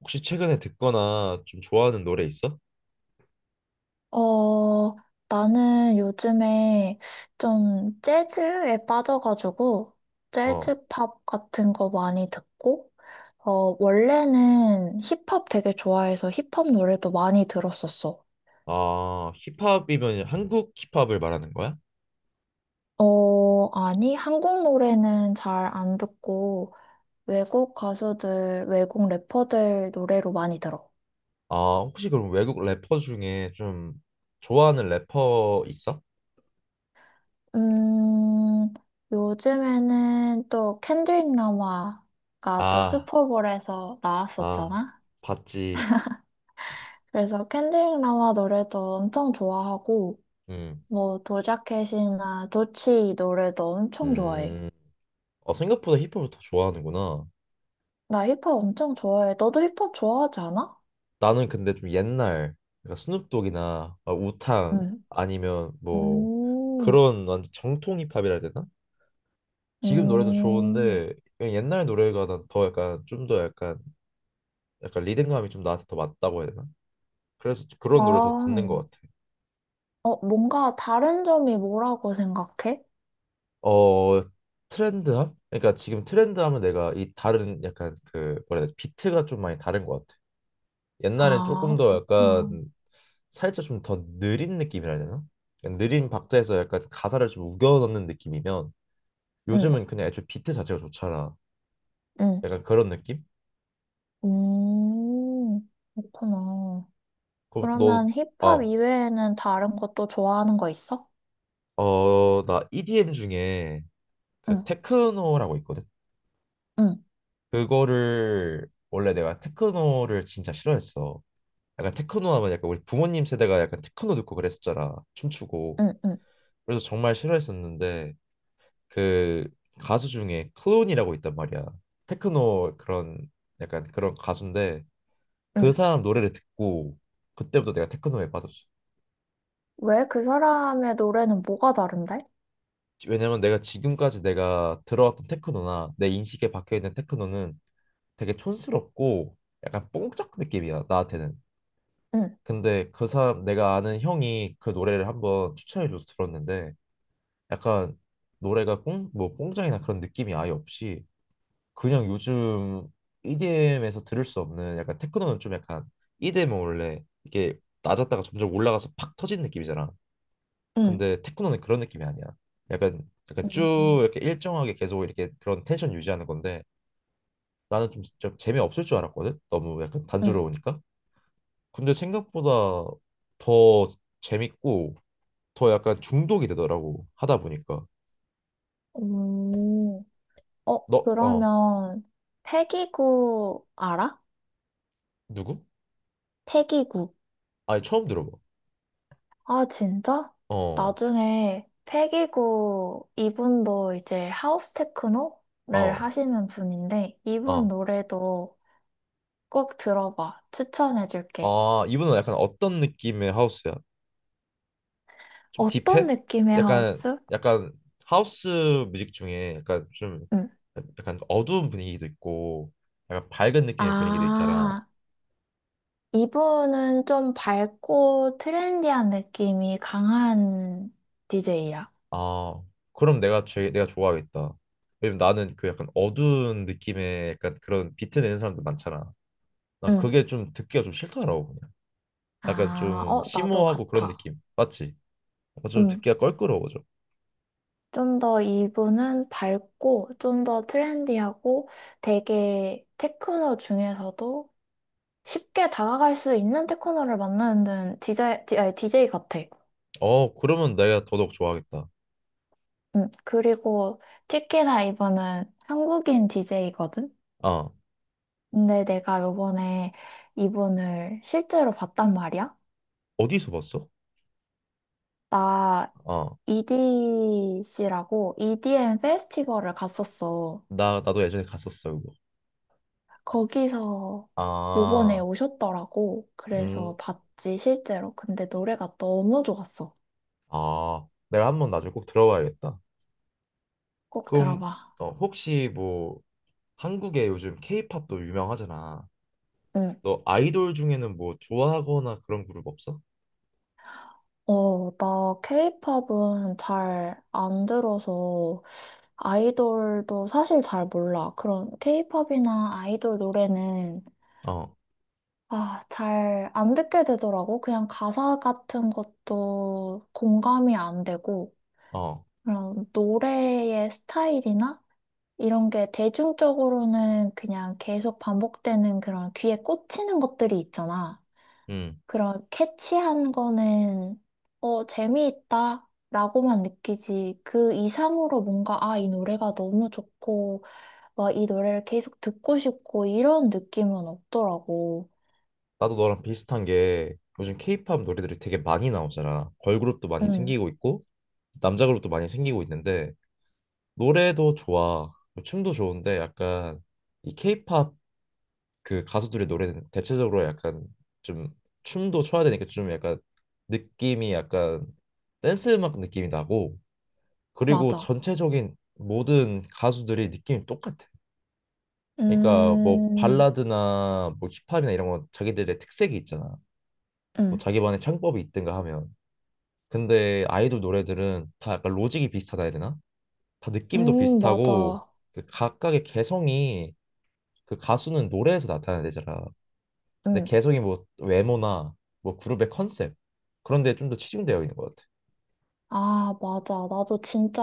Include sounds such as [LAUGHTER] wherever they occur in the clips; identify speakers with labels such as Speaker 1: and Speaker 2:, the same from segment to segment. Speaker 1: 혹시 최근에 듣거나 좀 좋아하는 노래 있어?
Speaker 2: 어, 나는 요즘에 좀 재즈에 빠져가지고,
Speaker 1: 어.
Speaker 2: 재즈 팝 같은 거 많이 듣고, 원래는 힙합 되게 좋아해서 힙합 노래도 많이 들었었어.
Speaker 1: 아, 힙합이면 한국 힙합을 말하는 거야?
Speaker 2: 아니, 한국 노래는 잘 안 듣고, 외국 가수들, 외국 래퍼들 노래로 많이 들어.
Speaker 1: 아, 혹시 그럼 외국 래퍼 중에 좀 좋아하는 래퍼 있어?
Speaker 2: 음, 요즘에는 또 켄드릭 라마가 또
Speaker 1: 아,
Speaker 2: 슈퍼볼에서
Speaker 1: 아,
Speaker 2: 나왔었잖아?
Speaker 1: 봤지.
Speaker 2: 그래서 캔드릭 라마 노래도 엄청 좋아하고,
Speaker 1: 음,
Speaker 2: 뭐 도자켓이나 도치 노래도 엄청 좋아해.
Speaker 1: 음. 어, 생각보다 힙합을 더 좋아하는구나.
Speaker 2: 나 힙합 엄청 좋아해. 너도 힙합 좋아하지 않아?
Speaker 1: 나는 근데 좀 옛날, 그러니까 스눕독이나 아, 우탕
Speaker 2: 응.
Speaker 1: 아니면 뭐
Speaker 2: 음,
Speaker 1: 그런 완전 정통 힙합이라 해야 되나? 지금 노래도
Speaker 2: 음,
Speaker 1: 좋은데 그냥 옛날 노래가 난 더 약간 좀 더 약간 약간 리듬감이 좀 나한테 더 맞다고 해야 되나? 그래서
Speaker 2: 아,
Speaker 1: 그런 노래 더 듣는
Speaker 2: 어,
Speaker 1: 것 같아.
Speaker 2: 뭔가 다른 점이 뭐라고 생각해?
Speaker 1: 어, 트렌드함? 그러니까 지금 트렌드함은 내가 이 다른 약간 그 뭐라 해야 되지? 비트가 좀 많이 다른 것 같아. 옛날엔
Speaker 2: 아,
Speaker 1: 조금 더
Speaker 2: 그렇구나.
Speaker 1: 약간 살짝 좀 더 느린 느낌이라 해야 되나? 그냥 느린 박자에서 약간 가사를 좀 우겨 넣는 느낌이면
Speaker 2: 응,
Speaker 1: 요즘은 그냥 애초에 비트 자체가 좋잖아.
Speaker 2: 응,
Speaker 1: 약간 그런 느낌?
Speaker 2: 그렇구나.
Speaker 1: 그럼 너
Speaker 2: 그러면 힙합
Speaker 1: 아,
Speaker 2: 이외에는 다른 것도 좋아하는 거 있어?
Speaker 1: 어, 나 EDM 중에 그
Speaker 2: 응,
Speaker 1: 테크노라고 있거든.
Speaker 2: 응,
Speaker 1: 그거를 원래 내가 테크노를 진짜 싫어했어. 약간 테크노 하면 약간 우리 부모님 세대가 약간 테크노 듣고 그랬었잖아. 춤추고.
Speaker 2: 응, 응.
Speaker 1: 그래서 정말 싫어했었는데 그 가수 중에 클론이라고 있단 말이야. 테크노 그런 약간 그런 가수인데 그
Speaker 2: 응.
Speaker 1: 사람 노래를 듣고 그때부터 내가 테크노에 빠졌어.
Speaker 2: 왜? 그 사람의 노래는 뭐가 다른데?
Speaker 1: 왜냐면 내가 지금까지 내가 들어왔던 테크노나 내 인식에 박혀 있는 테크노는 되게 촌스럽고 약간 뽕짝 느낌이야 나한테는.
Speaker 2: 응,
Speaker 1: 근데 그 사람 내가 아는 형이 그 노래를 한번 추천해줘서 들었는데 약간 노래가 꽁, 뭐 꽁장이나 그런 느낌이 아예 없이 그냥 요즘 EDM에서 들을 수 없는 약간 테크노는 좀 약간 EDM은 원래 이게 낮았다가 점점 올라가서 팍 터지는 느낌이잖아.
Speaker 2: 응,
Speaker 1: 근데 테크노는 그런 느낌이 아니야. 약간 약간 쭉
Speaker 2: 음.
Speaker 1: 이렇게 일정하게 계속 이렇게 그런 텐션 유지하는 건데 나는 좀 재미없을 줄 알았거든. 너무 약간
Speaker 2: 응.
Speaker 1: 단조로우니까. 근데 생각보다 더 재밌고 더 약간 중독이 되더라고 하다 보니까
Speaker 2: 오,
Speaker 1: 너 어
Speaker 2: 그러면 패기구 알아?
Speaker 1: 누구?
Speaker 2: 패기구.
Speaker 1: 아니 처음 들어봐.
Speaker 2: 아, 진짜?
Speaker 1: 어.
Speaker 2: 나중에 패기구 이분도 이제 하우스 테크노를
Speaker 1: 어.
Speaker 2: 하시는 분인데 이분
Speaker 1: 어.
Speaker 2: 노래도 꼭 들어봐. 추천해줄게.
Speaker 1: 아, 이분은 약간 어떤 느낌의 하우스야? 좀
Speaker 2: 어떤
Speaker 1: 딥해?
Speaker 2: 느낌의
Speaker 1: 약간
Speaker 2: 하우스?
Speaker 1: 약간 하우스 뮤직 중에 약간 좀
Speaker 2: 응.
Speaker 1: 약간 어두운 분위기도 있고 약간 밝은 느낌의 분위기도 있잖아.
Speaker 2: 아. 이분은 좀 밝고 트렌디한 느낌이 강한 DJ야.
Speaker 1: 아, 그럼 내가 좋아하겠다. 왜냐면 나는 그 약간 어두운 느낌의 약간 그런 비트 내는 사람들 많잖아. 나
Speaker 2: 응.
Speaker 1: 그게 좀 듣기가 좀 싫더라고. 약간
Speaker 2: 아,
Speaker 1: 좀
Speaker 2: 나도
Speaker 1: 심오하고 그런
Speaker 2: 같아.
Speaker 1: 느낌. 맞지? 어, 좀
Speaker 2: 응.
Speaker 1: 듣기가 껄끄러워져.
Speaker 2: 좀 더 이분은 밝고 좀 더 트렌디하고 되게 테크노 중에서도 쉽게 다가갈 수 있는 테크노를 만나는 DJ, 아니, DJ 같아.
Speaker 1: 어, 그러면 내가 더더욱 좋아하겠다.
Speaker 2: 응. 그리고 특히나 이분은 한국인 DJ거든?
Speaker 1: 아,
Speaker 2: 근데 내가 요번에 이분을 실제로 봤단 말이야.
Speaker 1: 어디서 봤어?
Speaker 2: 나
Speaker 1: 아,
Speaker 2: EDC라고 EDM 페스티벌을 갔었어.
Speaker 1: 나도 예전에 갔었어, 그거.
Speaker 2: 거기서 요번에
Speaker 1: 아,
Speaker 2: 오셨더라고.
Speaker 1: 음,
Speaker 2: 그래서 봤지, 실제로. 근데 노래가 너무 좋았어.
Speaker 1: 아, 내가 한번 나중에 꼭 들어봐야겠다.
Speaker 2: 꼭
Speaker 1: 그럼,
Speaker 2: 들어봐.
Speaker 1: 어, 혹시 뭐, 한국에 요즘 케이팝도 유명하잖아.
Speaker 2: 응.
Speaker 1: 너 아이돌 중에는 뭐 좋아하거나 그런 그룹 없어?
Speaker 2: 나 케이팝은 잘 안 들어서 아이돌도 사실 잘 몰라. 그런 케이팝이나 아이돌 노래는
Speaker 1: 어,
Speaker 2: 아, 잘 안 듣게 되더라고. 그냥 가사 같은 것도 공감이 안 되고.
Speaker 1: 어,
Speaker 2: 그런 노래의 스타일이나 이런 게 대중적으로는 그냥 계속 반복되는 그런 귀에 꽂히는 것들이 있잖아.
Speaker 1: 음.
Speaker 2: 그런 캐치한 거는 재미있다. 라고만 느끼지. 그 이상으로 뭔가, 아, 이 노래가 너무 좋고, 막 이 노래를 계속 듣고 싶고, 이런 느낌은 없더라고.
Speaker 1: 나도 너랑 비슷한 게 요즘 케이팝 노래들이 되게 많이 나오잖아. 걸그룹도 많이
Speaker 2: 응,
Speaker 1: 생기고 있고 남자 그룹도 많이 생기고 있는데 노래도 좋아. 뭐 춤도 좋은데 약간 이 케이팝 그 가수들의 노래는 대체적으로 약간 좀 춤도 춰야 되니까 좀 약간 느낌이 약간 댄스 음악 느낌이 나고 그리고
Speaker 2: 맞아.
Speaker 1: 전체적인 모든 가수들이 느낌이 똑같아. 그러니까 뭐
Speaker 2: 음,
Speaker 1: 발라드나 뭐 힙합이나 이런 건 자기들의 특색이 있잖아. 뭐
Speaker 2: 응,
Speaker 1: 자기만의 창법이 있든가 하면. 근데 아이돌 노래들은 다 약간 로직이 비슷하다 해야 되나? 다 느낌도 비슷하고
Speaker 2: 맞아.
Speaker 1: 그 각각의 개성이 그 가수는 노래에서 나타내잖아. 근데
Speaker 2: 응.
Speaker 1: 개성이 뭐 외모나 뭐 그룹의 컨셉 그런 데 좀 더 치중되어 있는 것 같아.
Speaker 2: 아, 맞아. 나도 진짜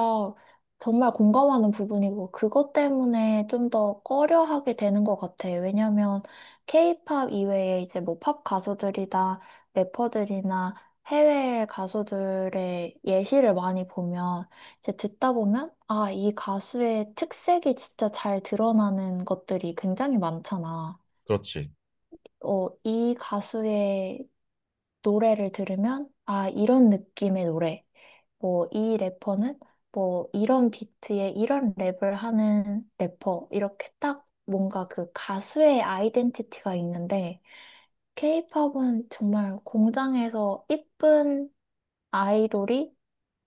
Speaker 2: 정말 공감하는 부분이고, 그것 때문에 좀 더 꺼려하게 되는 것 같아. 왜냐면, 케이팝 이외에 이제 뭐 팝 가수들이나 래퍼들이나 해외 가수들의 예시를 많이 보면, 이제 듣다 보면, 아, 이 가수의 특색이 진짜 잘 드러나는 것들이 굉장히 많잖아.
Speaker 1: 그렇지.
Speaker 2: 이 가수의 노래를 들으면, 아, 이런 느낌의 노래. 뭐, 이 래퍼는 뭐, 이런 비트에 이런 랩을 하는 래퍼. 이렇게 딱 뭔가 그 가수의 아이덴티티가 있는데, 케이팝은 정말 공장에서 이쁜 아이돌이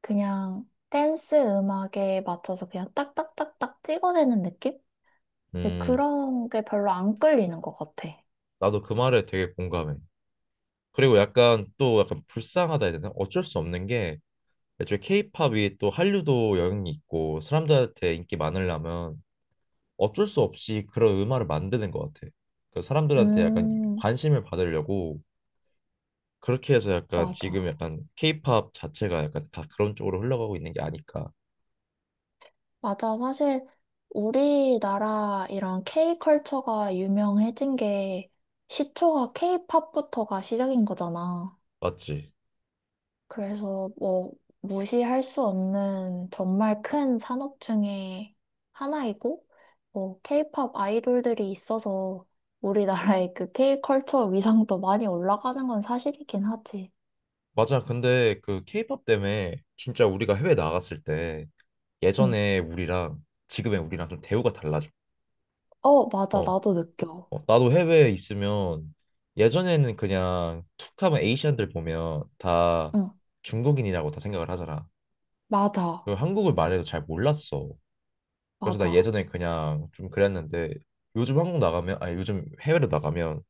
Speaker 2: 그냥 댄스 음악에 맞춰서 그냥 딱딱딱딱 찍어내는 느낌? 근데
Speaker 1: 음,
Speaker 2: 그런 게 별로 안 끌리는 것 같아.
Speaker 1: 나도 그 말에 되게 공감해. 그리고 약간 또 약간 불쌍하다 해야 되나? 어쩔 수 없는 게 애초에 케이팝이 또 한류도 영향이 있고 사람들한테 인기 많으려면 어쩔 수 없이 그런 음악을 만드는 것 같아. 그 사람들한테 약간
Speaker 2: 음,
Speaker 1: 관심을 받으려고 그렇게 해서 약간 지금
Speaker 2: 맞아.
Speaker 1: 약간 케이팝 자체가 약간 다 그런 쪽으로 흘러가고 있는 게 아닐까.
Speaker 2: 맞아. 사실 우리나라 이런 K컬처가 유명해진 게 시초가 K팝부터가 시작인 거잖아.
Speaker 1: 맞지?
Speaker 2: 그래서 뭐 무시할 수 없는 정말 큰 산업 중에 하나이고, 뭐 K팝 아이돌들이 있어서 우리나라의 그 K컬처 위상도 많이 올라가는 건 사실이긴 하지.
Speaker 1: 맞아. 근데 그 케이팝 때문에 진짜 우리가 해외 나갔을 때
Speaker 2: 응.
Speaker 1: 예전에 우리랑 지금의 우리랑 좀 대우가 달라져.
Speaker 2: 맞아.
Speaker 1: 어,
Speaker 2: 나도 느껴.
Speaker 1: 어, 나도 해외에 있으면 예전에는 그냥 툭 하면 에이시안들 보면 다
Speaker 2: 응.
Speaker 1: 중국인이라고 다 생각을 하잖아.
Speaker 2: 맞아.
Speaker 1: 그 한국을 말해도 잘 몰랐어. 그래서 나
Speaker 2: 맞아.
Speaker 1: 예전에 그냥 좀 그랬는데 요즘 한국 나가면 아니 요즘 해외로 나가면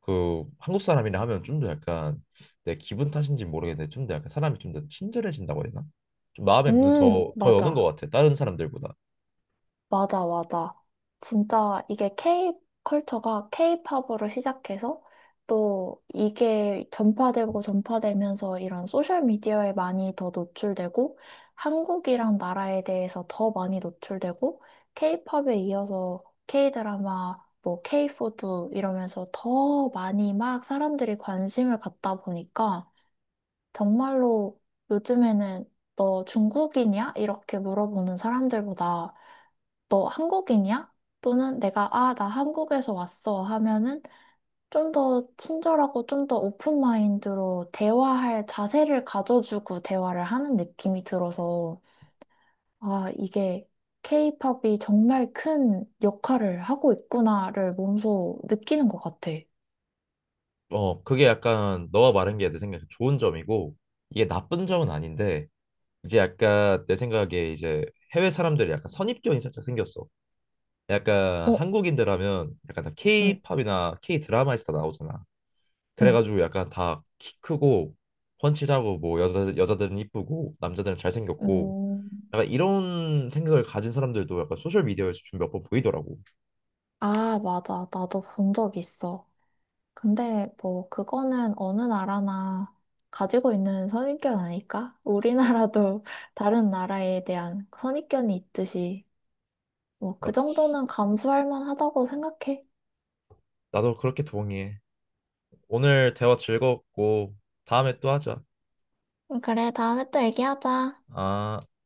Speaker 1: 그 한국 사람이라 하면 좀 더 약간 내 기분 탓인지 모르겠는데 좀 더 약간 사람이 좀 더 친절해진다고 해야 되나? 좀 마음의 문을 더 여는 것
Speaker 2: 맞아.
Speaker 1: 같아 다른 사람들보다.
Speaker 2: 맞아, 맞아. 진짜 이게 K 컬처가 K팝으로 시작해서 또 이게 전파되고 전파되면서 이런 소셜 미디어에 많이 더 노출되고 한국이랑 나라에 대해서 더 많이 노출되고 K팝에 이어서 K드라마, 뭐 K푸드 이러면서 더 많이 막 사람들이 관심을 갖다 보니까 정말로 요즘에는 너 중국인이야? 이렇게 물어보는 사람들보다 너 한국인이야? 또는 내가 아, 나 한국에서 왔어 하면은 좀 더 친절하고 좀 더 오픈 마인드로 대화할 자세를 가져주고 대화를 하는 느낌이 들어서 아, 이게 케이팝이 정말 큰 역할을 하고 있구나를 몸소 느끼는 것 같아.
Speaker 1: 어, 그게 약간 너가 말한 게 내 생각에 좋은 점이고 이게 나쁜 점은 아닌데 이제 약간 내 생각에 이제 해외 사람들이 약간 선입견이 살짝 생겼어. 약간
Speaker 2: 어,
Speaker 1: 한국인들 하면 약간 다
Speaker 2: 응,
Speaker 1: K-팝이나 K-드라마에서 다 나오잖아.
Speaker 2: 응,
Speaker 1: 그래가지고 약간 다 키 크고 훤칠하고 뭐 여자들은 이쁘고 남자들은 잘생겼고
Speaker 2: 음.
Speaker 1: 약간 이런 생각을 가진 사람들도 약간 소셜 미디어에서 좀 몇 번 보이더라고.
Speaker 2: 아, 맞아. 나도 본 적 있어. 근데 뭐 그거는 어느 나라나 가지고 있는 선입견 아닐까? 우리나라도 [LAUGHS] 다른 나라에 대한 선입견이 있듯이 뭐
Speaker 1: 아,
Speaker 2: 그 정도는 감수할 만하다고 생각해.
Speaker 1: 나도 그렇게 동의해. 오늘 대화 즐거웠고 다음에 또 하자.
Speaker 2: 그래, 다음에 또 얘기하자.
Speaker 1: 아.